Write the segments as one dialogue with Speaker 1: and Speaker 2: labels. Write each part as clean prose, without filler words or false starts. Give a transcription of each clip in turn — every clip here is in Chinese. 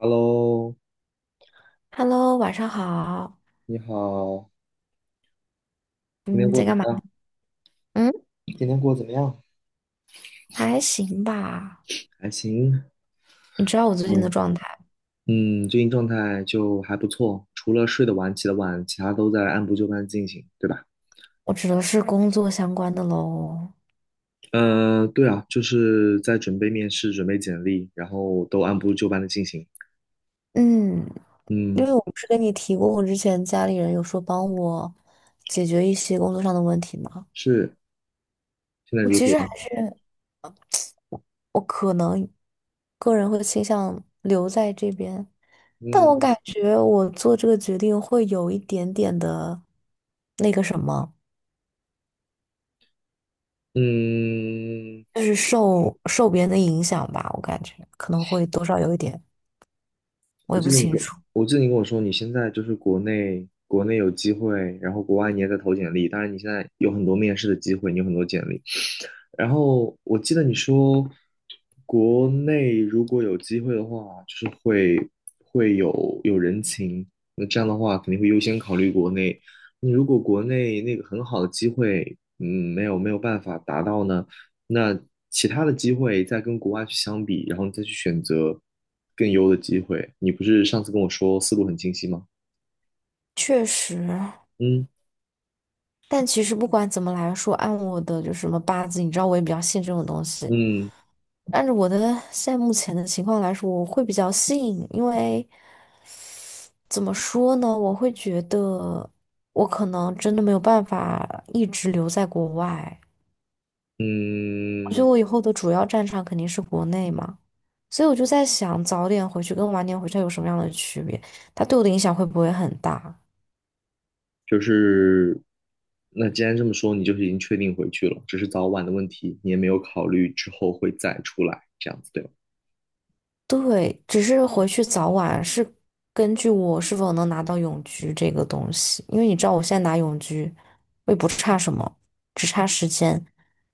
Speaker 1: 哈喽，
Speaker 2: Hello，晚上好。
Speaker 1: 你好，今天
Speaker 2: 嗯，
Speaker 1: 过
Speaker 2: 在
Speaker 1: 得怎
Speaker 2: 干嘛？
Speaker 1: 么样？
Speaker 2: 嗯，
Speaker 1: 今天过得怎么样？
Speaker 2: 还行吧。
Speaker 1: 还行，
Speaker 2: 你知道我最近的
Speaker 1: 嗯
Speaker 2: 状态，
Speaker 1: 嗯，最近状态就还不错，除了睡得晚、起得晚，其他都在按部就班进行，对吧？
Speaker 2: 我指的是工作相关的喽。
Speaker 1: 对啊，就是在准备面试、准备简历，然后都按部就班的进行。
Speaker 2: 嗯，因
Speaker 1: 嗯，
Speaker 2: 为我不是跟你提过，我之前家里人有说帮我解决一些工作上的问题吗？
Speaker 1: 是，现在
Speaker 2: 我
Speaker 1: 如
Speaker 2: 其实还
Speaker 1: 何？
Speaker 2: 是我可能个人会倾向留在这边，但我
Speaker 1: 嗯
Speaker 2: 感觉我做这个决定会有一点点的那个什么，
Speaker 1: 嗯，
Speaker 2: 就是受别人的影响吧，我感觉可能会多少有一点。我
Speaker 1: 我
Speaker 2: 也不
Speaker 1: 记得你
Speaker 2: 清
Speaker 1: 跟，
Speaker 2: 楚，
Speaker 1: 我记得你跟我说，你现在就是国内有机会，然后国外你也在投简历，当然你现在有很多面试的机会，你有很多简历。然后我记得你说，国内如果有机会的话，就是会有人情，那这样的话肯定会优先考虑国内。那如果国内那个很好的机会，没有办法达到呢，那其他的机会再跟国外去相比，然后你再去选择更优的机会。你不是上次跟我说思路很清晰吗？
Speaker 2: 确实。
Speaker 1: 嗯
Speaker 2: 但其实不管怎么来说，按我的就是什么八字，你知道我也比较信这种东西。
Speaker 1: 嗯
Speaker 2: 按照我的现在目前的情况来说，我会比较信，因为怎么说呢，我会觉得我可能真的没有办法一直留在国外。我觉得
Speaker 1: 嗯，
Speaker 2: 我以后的主要战场肯定是国内嘛，所以我就在想，早点回去跟晚点回去有什么样的区别？它对我的影响会不会很大？
Speaker 1: 就是那既然这么说，你就是已经确定回去了，只是早晚的问题，你也没有考虑之后会再出来这样子，对吧？
Speaker 2: 对，只是回去早晚是根据我是否能拿到永居这个东西，因为你知道我现在拿永居，我也不差什么，只差时间。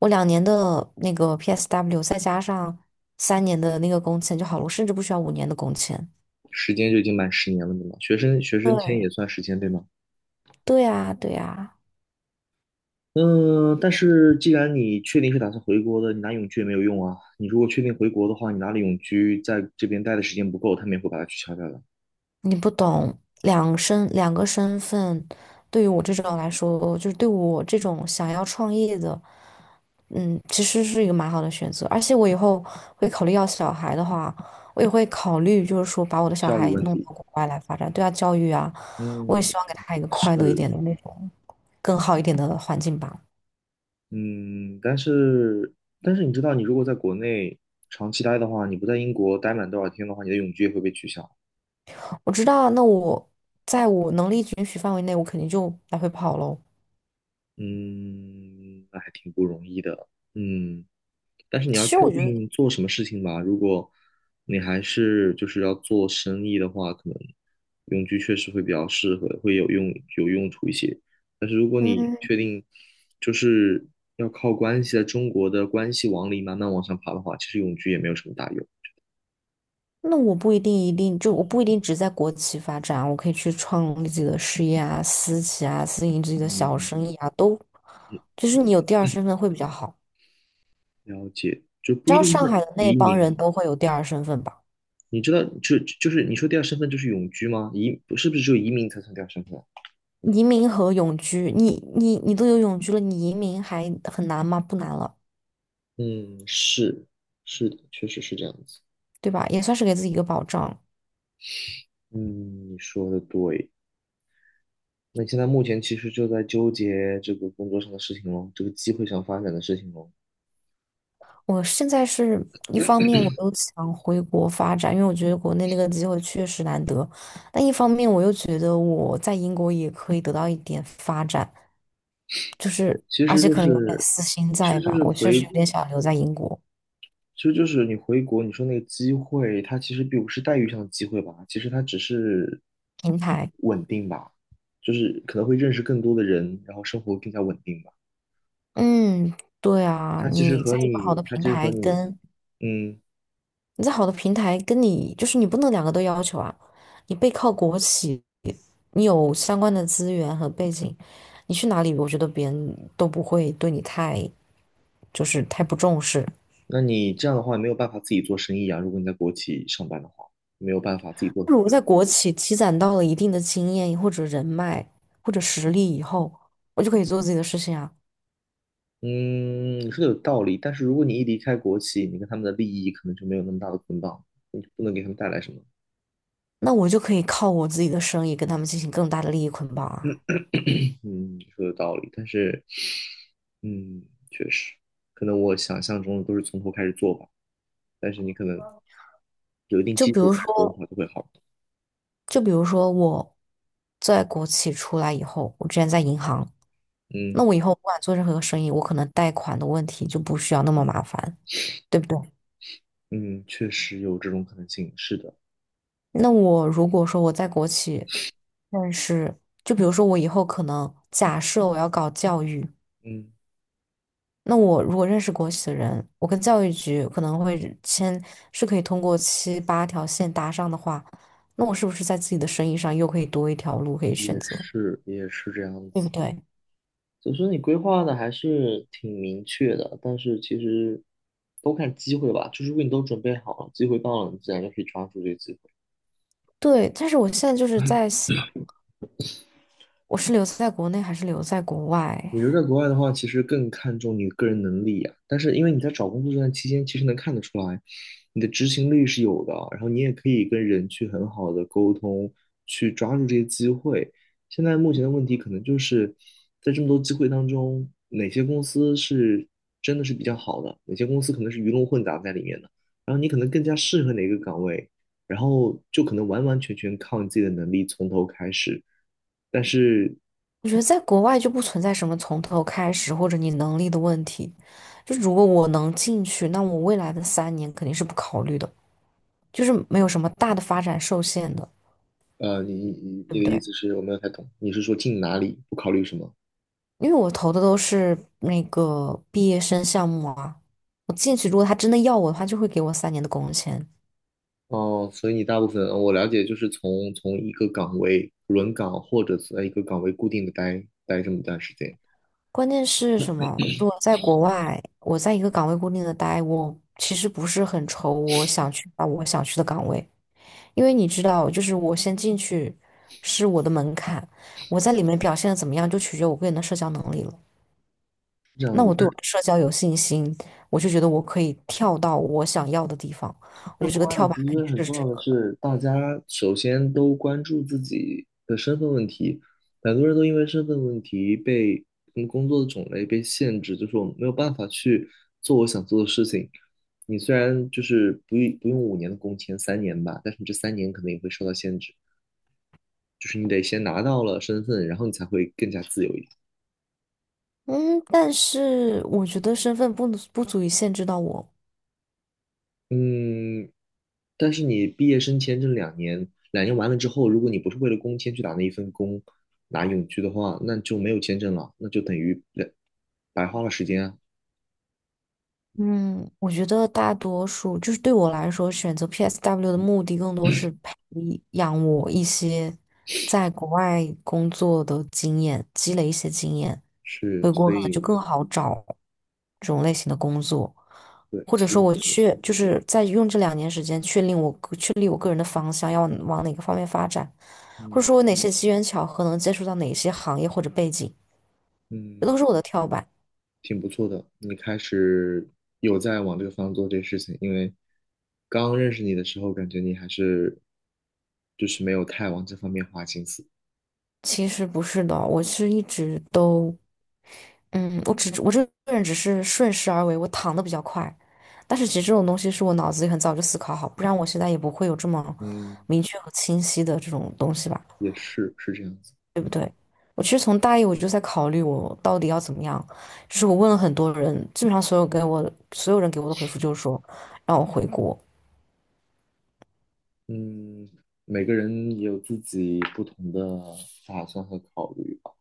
Speaker 2: 我两年的那个 PSW 再加上3年的那个工签就好了，我甚至不需要5年的工签。
Speaker 1: 时间就已经满10年了，对吗？学生签也
Speaker 2: 对，
Speaker 1: 算时间，对吗？
Speaker 2: 对呀，对呀，
Speaker 1: 嗯，但是既然你确定是打算回国的，你拿永居也没有用啊。你如果确定回国的话，你拿了永居，在这边待的时间不够，他们也会把它取消掉的。
Speaker 2: 你不懂，两个身份，对于我这种来说，就是对我这种想要创业的。嗯，其实是一个蛮好的选择，而且我以后会考虑要小孩的话，我也会考虑，就是说把我的小
Speaker 1: 教育
Speaker 2: 孩
Speaker 1: 问
Speaker 2: 弄
Speaker 1: 题，
Speaker 2: 到国外来发展，对他教育啊，我也
Speaker 1: 嗯，
Speaker 2: 希望给他一个快乐一
Speaker 1: 是，
Speaker 2: 点的那种，更好一点的环境吧。
Speaker 1: 嗯，但是你知道，你如果在国内长期待的话，你不在英国待满多少天的话，你的永居也会被取消。
Speaker 2: 我知道，那我在我能力允许范围内，我肯定就来回跑喽。
Speaker 1: 嗯，那还挺不容易的。嗯，但是你要
Speaker 2: 其实
Speaker 1: 确
Speaker 2: 我觉得，
Speaker 1: 定做什么事情吧。如果你还是就是要做生意的话，可能永居确实会比较适合，会有用处一些。
Speaker 2: 嗯，
Speaker 1: 确定就是要靠关系，在中国的关系网里慢慢往上爬的话，其实永居也没有什么大用。
Speaker 2: 那我不一定一定就我不一定只在国企发展，我可以去创立自己的事业啊，私企啊，私营自己的小
Speaker 1: 嗯，
Speaker 2: 生意啊，都就是你有第二身份会比较好。
Speaker 1: 了解，就不
Speaker 2: 知
Speaker 1: 一
Speaker 2: 道
Speaker 1: 定
Speaker 2: 上
Speaker 1: 是
Speaker 2: 海的那
Speaker 1: 移
Speaker 2: 帮人
Speaker 1: 民。
Speaker 2: 都会有第二身份吧？
Speaker 1: 你知道，就是你说第二身份就是永居吗？是不是只有移民才算第二身份？
Speaker 2: 移民和永居，你都有永居了，你移民还很难吗？不难了，
Speaker 1: 嗯，是的，确实是这样子。
Speaker 2: 对吧？也算是给自己一个保障。
Speaker 1: 嗯，你说的对。那你现在目前其实就在纠结这个工作上的事情咯，这个机会上发展的事情咯。
Speaker 2: 我现在是一方面我又想回国发展，因为我觉得国内那个机会确实难得，但一方面我又觉得我在英国也可以得到一点发展，就是
Speaker 1: 其
Speaker 2: 而
Speaker 1: 实
Speaker 2: 且
Speaker 1: 就
Speaker 2: 可能有点
Speaker 1: 是，
Speaker 2: 私心
Speaker 1: 其
Speaker 2: 在
Speaker 1: 实就
Speaker 2: 吧，
Speaker 1: 是
Speaker 2: 我确
Speaker 1: 回
Speaker 2: 实有点想留在英国
Speaker 1: 其实就是你回国，你说那个机会，它其实并不是待遇上的机会吧，其实它只是
Speaker 2: 平台。
Speaker 1: 稳定吧，就是可能会认识更多的人，然后生活更加稳定吧。
Speaker 2: 嗯，对啊，
Speaker 1: 它其实
Speaker 2: 你
Speaker 1: 和
Speaker 2: 在一个好
Speaker 1: 你，
Speaker 2: 的
Speaker 1: 它
Speaker 2: 平
Speaker 1: 其实
Speaker 2: 台
Speaker 1: 和你，
Speaker 2: 跟
Speaker 1: 嗯，
Speaker 2: 你在好的平台跟你就是你不能两个都要求啊，你背靠国企，你有相关的资源和背景，你去哪里，我觉得别人都不会对你太就是太不重视。
Speaker 1: 那你这样的话没有办法自己做生意啊。如果你在国企上班的话，没有办法自己做很
Speaker 2: 如果
Speaker 1: 大。
Speaker 2: 在国企积攒到了一定的经验或者人脉或者实力以后，我就可以做自己的事情啊，
Speaker 1: 嗯，你说的有道理，但是如果你一离开国企，你跟他们的利益可能就没有那么大的捆绑，你不能给他们带来什么。
Speaker 2: 那我就可以靠我自己的生意跟他们进行更大的利益捆绑啊。
Speaker 1: 嗯，你说的道理，但是，嗯，确实，可能我想象中的都是从头开始做吧，但是你可能有一定
Speaker 2: 就
Speaker 1: 基
Speaker 2: 比
Speaker 1: 础
Speaker 2: 如
Speaker 1: 开始做的
Speaker 2: 说，
Speaker 1: 话，就会好。
Speaker 2: 我在国企出来以后，我之前在银行。那
Speaker 1: 嗯
Speaker 2: 我以后不管做任何生意，我可能贷款的问题就不需要那么麻烦，对不对？
Speaker 1: 嗯，确实有这种可能性，是的，
Speaker 2: 那我如果说我在国企认识，就比如说我以后可能假设我要搞教育，
Speaker 1: 嗯，
Speaker 2: 那我如果认识国企的人，我跟教育局可能会签，是可以通过七八条线搭上的话，那我是不是在自己的生意上又可以多一条路可以选
Speaker 1: 也
Speaker 2: 择，
Speaker 1: 是也是这样
Speaker 2: 对不
Speaker 1: 子。
Speaker 2: 对？
Speaker 1: 所以说你规划的还是挺明确的，但是其实都看机会吧，就是如果你都准备好了，机会到了，你自然就可以抓住这个机会。
Speaker 2: 对，但是我现在就是在想，我是留在国内还是留在国外？
Speaker 1: 我觉得在国外的话，其实更看重你个人能力呀、但是因为你在找工作这段期间，其实能看得出来，你的执行力是有的，然后你也可以跟人去很好的沟通，去抓住这些机会。现在目前的问题可能就是在这么多机会当中，哪些公司是真的是比较好的，哪些公司可能是鱼龙混杂在里面的，然后你可能更加适合哪个岗位，然后就可能完完全全靠你自己的能力从头开始。但是
Speaker 2: 我觉得在国外就不存在什么从头开始或者你能力的问题。就如果我能进去，那我未来的三年肯定是不考虑的，就是没有什么大的发展受限的，
Speaker 1: 呃，你你
Speaker 2: 对
Speaker 1: 你
Speaker 2: 不
Speaker 1: 的意
Speaker 2: 对？
Speaker 1: 思是我没有太懂，你是说进哪里不考虑什么？
Speaker 2: 因为我投的都是那个毕业生项目啊，我进去如果他真的要我的话，就会给我三年的工签。
Speaker 1: 哦，所以你大部分呃我了解就是从一个岗位轮岗，或者是在一个岗位固定的待这么一段时间，是
Speaker 2: 关键是什么？如果在国外，我在一个岗位固定的待，我其实不是很愁我想去把我想去的岗位，因为你知道，就是我先进去是我的门槛，我在里面表现的怎么样，就取决于我个人的社交能力了。
Speaker 1: 这样
Speaker 2: 那我对我
Speaker 1: 子。
Speaker 2: 的社交有信心，我就觉得我可以跳到我想要的地方。我觉
Speaker 1: 在
Speaker 2: 得这个
Speaker 1: 国外，
Speaker 2: 跳板
Speaker 1: 其
Speaker 2: 肯定
Speaker 1: 实很
Speaker 2: 是
Speaker 1: 重
Speaker 2: 值
Speaker 1: 要的
Speaker 2: 得的。
Speaker 1: 是，大家首先都关注自己的身份问题。很多人都因为身份问题被工作的种类被限制，就是我没有办法去做我想做的事情。你虽然就是不用五年的工签，三年吧，但是你这三年可能也会受到限制，就是你得先拿到了身份，然后你才会更加自由一点。
Speaker 2: 嗯，但是我觉得身份不能不足以限制到我。
Speaker 1: 嗯，但是你毕业生签证两年，两年完了之后，如果你不是为了工签去打那一份工，拿永居的话，那就没有签证了，那就等于白白花了时间啊。
Speaker 2: 嗯，我觉得大多数就是对我来说，选择 PSW 的目的更多是培养我一些在国外工作的经验，积累一些经验，
Speaker 1: 是，
Speaker 2: 回国
Speaker 1: 所
Speaker 2: 可能就
Speaker 1: 以，
Speaker 2: 更好找这种类型的工作，
Speaker 1: 对，
Speaker 2: 或者
Speaker 1: 所
Speaker 2: 说
Speaker 1: 以，
Speaker 2: 我确就是在用这2年时间确定我个确立我个人的方向要往哪个方面发展，或者
Speaker 1: 嗯
Speaker 2: 说我哪些机缘巧合能接触到哪些行业或者背景，这都
Speaker 1: 嗯，
Speaker 2: 是我的跳板。
Speaker 1: 挺不错的。你开始有在往这个方向做这个事情，因为刚认识你的时候，感觉你还是就是没有太往这方面花心思。
Speaker 2: 其实不是的，我是一直都。嗯，我只我这个人只是顺势而为，我躺的比较快，但是其实这种东西是我脑子里很早就思考好，不然我现在也不会有这么
Speaker 1: 嗯，
Speaker 2: 明确和清晰的这种东西吧，
Speaker 1: 也是，是这样子。
Speaker 2: 对不对？我其实从大一我就在考虑我到底要怎么样，就是我问了很多人，基本上所有人给我的回复就是说让我回国。
Speaker 1: 嗯，每个人也有自己不同的打算和考虑吧，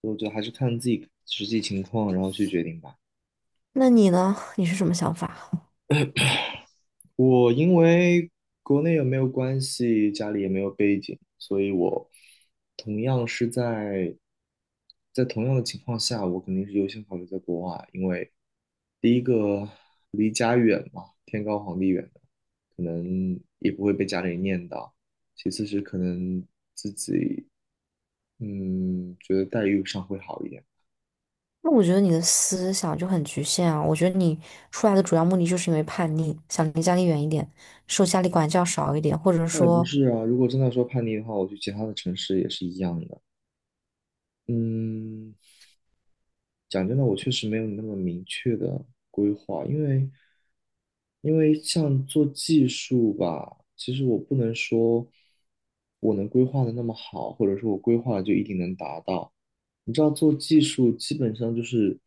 Speaker 1: 所以我觉得还是看自己实际情况，然后去决定吧。
Speaker 2: 那你呢？你是什么想法？
Speaker 1: 我因为国内也没有关系，家里也没有背景，所以我同样是在同样的情况下，我肯定是优先考虑在国外，因为第一个离家远嘛，天高皇帝远的，可能也不会被家里念叨。其次是可能自己觉得待遇上会好一点。
Speaker 2: 那我觉得你的思想就很局限啊，我觉得你出来的主要目的就是因为叛逆，想离家里远一点。受家里管教少一点，或者
Speaker 1: 那也不
Speaker 2: 说，
Speaker 1: 是啊，如果真的说叛逆的话，我去其他的城市也是一样的。嗯，讲真的，我确实没有你那么明确的规划，因为像做技术吧，其实我不能说我能规划的那么好，或者说我规划了就一定能达到。你知道做技术基本上就是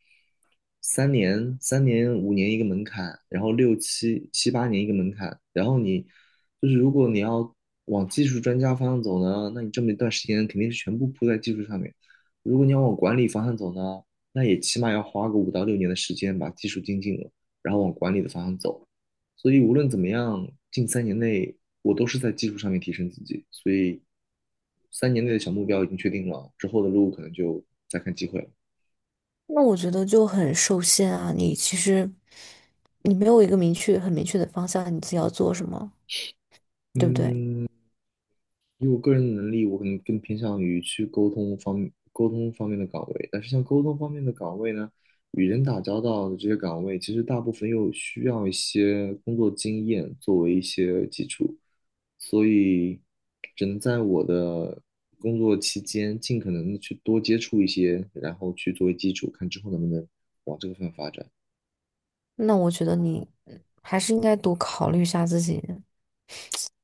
Speaker 1: 三年、三年、五年一个门槛，然后六七七八年一个门槛，然后你就是如果你要往技术专家方向走呢，那你这么一段时间肯定是全部扑在技术上面；如果你要往管理方向走呢，那也起码要花个5到6年的时间把技术精进了，然后往管理的方向走。所以无论怎么样，近三年内我都是在技术上面提升自己，所以三年内的小目标已经确定了，之后的路可能就再看机会了。
Speaker 2: 那我觉得就很受限啊，你其实你没有一个明确、很明确的方向，你自己要做什么，对不对？
Speaker 1: 嗯，以我个人的能力，我可能更偏向于去沟通方面的岗位。但是像沟通方面的岗位呢，与人打交道的这些岗位，其实大部分又需要一些工作经验作为一些基础，所以只能在我的工作期间尽可能的去多接触一些，然后去作为基础，看之后能不能往这个方向发展。
Speaker 2: 那我觉得你还是应该多考虑一下自己，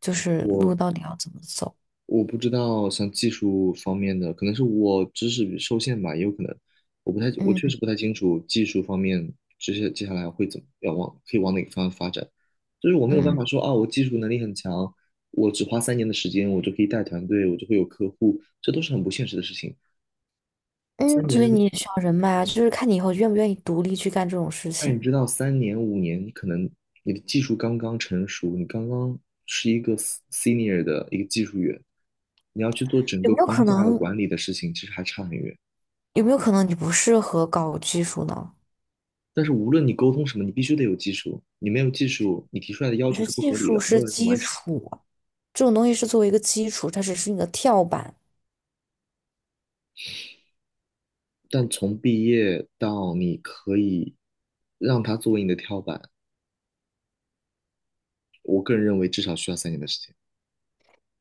Speaker 2: 就是路
Speaker 1: 我
Speaker 2: 到底要怎么走。
Speaker 1: 我不知道像技术方面的，可能是我知识受限吧，也有可能，我
Speaker 2: 嗯
Speaker 1: 确实不太清楚技术方面这些接下来会怎么可以往哪个方向发展，就是我没有办
Speaker 2: 嗯
Speaker 1: 法说啊，我技术能力很强，我只花三年的时间，我就可以带团队，我就会有客户，这都是很不现实的事情。三
Speaker 2: 嗯，所以
Speaker 1: 年，
Speaker 2: 你也需要人脉啊，就是看你以后愿不愿意独立去干这种事
Speaker 1: 那
Speaker 2: 情。
Speaker 1: 你知道，3年5年，你可能你的技术刚刚成熟，你刚刚是一个 senior 的一个技术员，你要去做整
Speaker 2: 有
Speaker 1: 个
Speaker 2: 没有
Speaker 1: 框
Speaker 2: 可
Speaker 1: 架的
Speaker 2: 能？
Speaker 1: 管理的事情，其实还差很远。
Speaker 2: 有没有可能你不适合搞技术呢？
Speaker 1: 但是无论你沟通什么，你必须得有技术。你没有技术，你提出来的要
Speaker 2: 我觉
Speaker 1: 求
Speaker 2: 得
Speaker 1: 是不
Speaker 2: 技
Speaker 1: 合理
Speaker 2: 术
Speaker 1: 的，没
Speaker 2: 是
Speaker 1: 有人能
Speaker 2: 基
Speaker 1: 完成。
Speaker 2: 础啊这种东西是作为一个基础，它只是你的跳板。
Speaker 1: 但从毕业到你可以让它作为你的跳板，我个人认为至少需要三年的时间。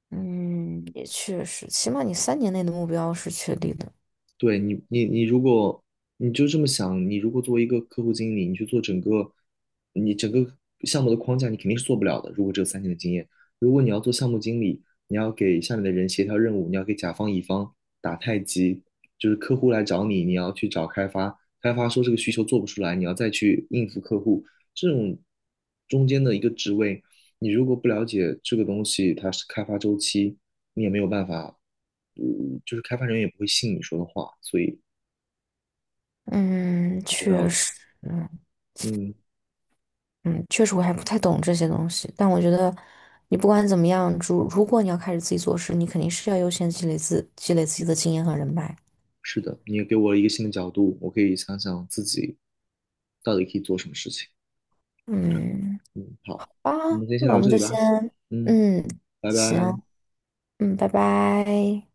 Speaker 2: 嗯，也确实，起码你3年内的目标是确定的。
Speaker 1: 对你，你如果你就这么想，你如果作为一个客户经理，你去做你整个项目的框架，你肯定是做不了的。如果只有三年的经验，如果你要做项目经理，你要给下面的人协调任务，你要给甲方乙方打太极，就是客户来找你，你要去找开发，开发说这个需求做不出来，你要再去应付客户，这种中间的一个职位，你如果不了解这个东西它是开发周期，你也没有办法就是开发人员也不会信你说的话，所以
Speaker 2: 嗯，
Speaker 1: 你知道
Speaker 2: 确
Speaker 1: 的，
Speaker 2: 实，嗯
Speaker 1: 嗯，
Speaker 2: 嗯，确实我还不太懂这些东西，但我觉得你不管怎么样，如果你要开始自己做事，你肯定是要优先积累自己的经验和人脉。
Speaker 1: 是的，你也给我了一个新的角度，我可以想想自己到底可以做什么事情。
Speaker 2: 嗯，
Speaker 1: 嗯，好，
Speaker 2: 啊，
Speaker 1: 我们今天先
Speaker 2: 那
Speaker 1: 聊
Speaker 2: 我
Speaker 1: 到
Speaker 2: 们
Speaker 1: 这
Speaker 2: 就
Speaker 1: 里吧。
Speaker 2: 先，
Speaker 1: 嗯，
Speaker 2: 嗯，
Speaker 1: 拜拜。
Speaker 2: 行，嗯，拜拜。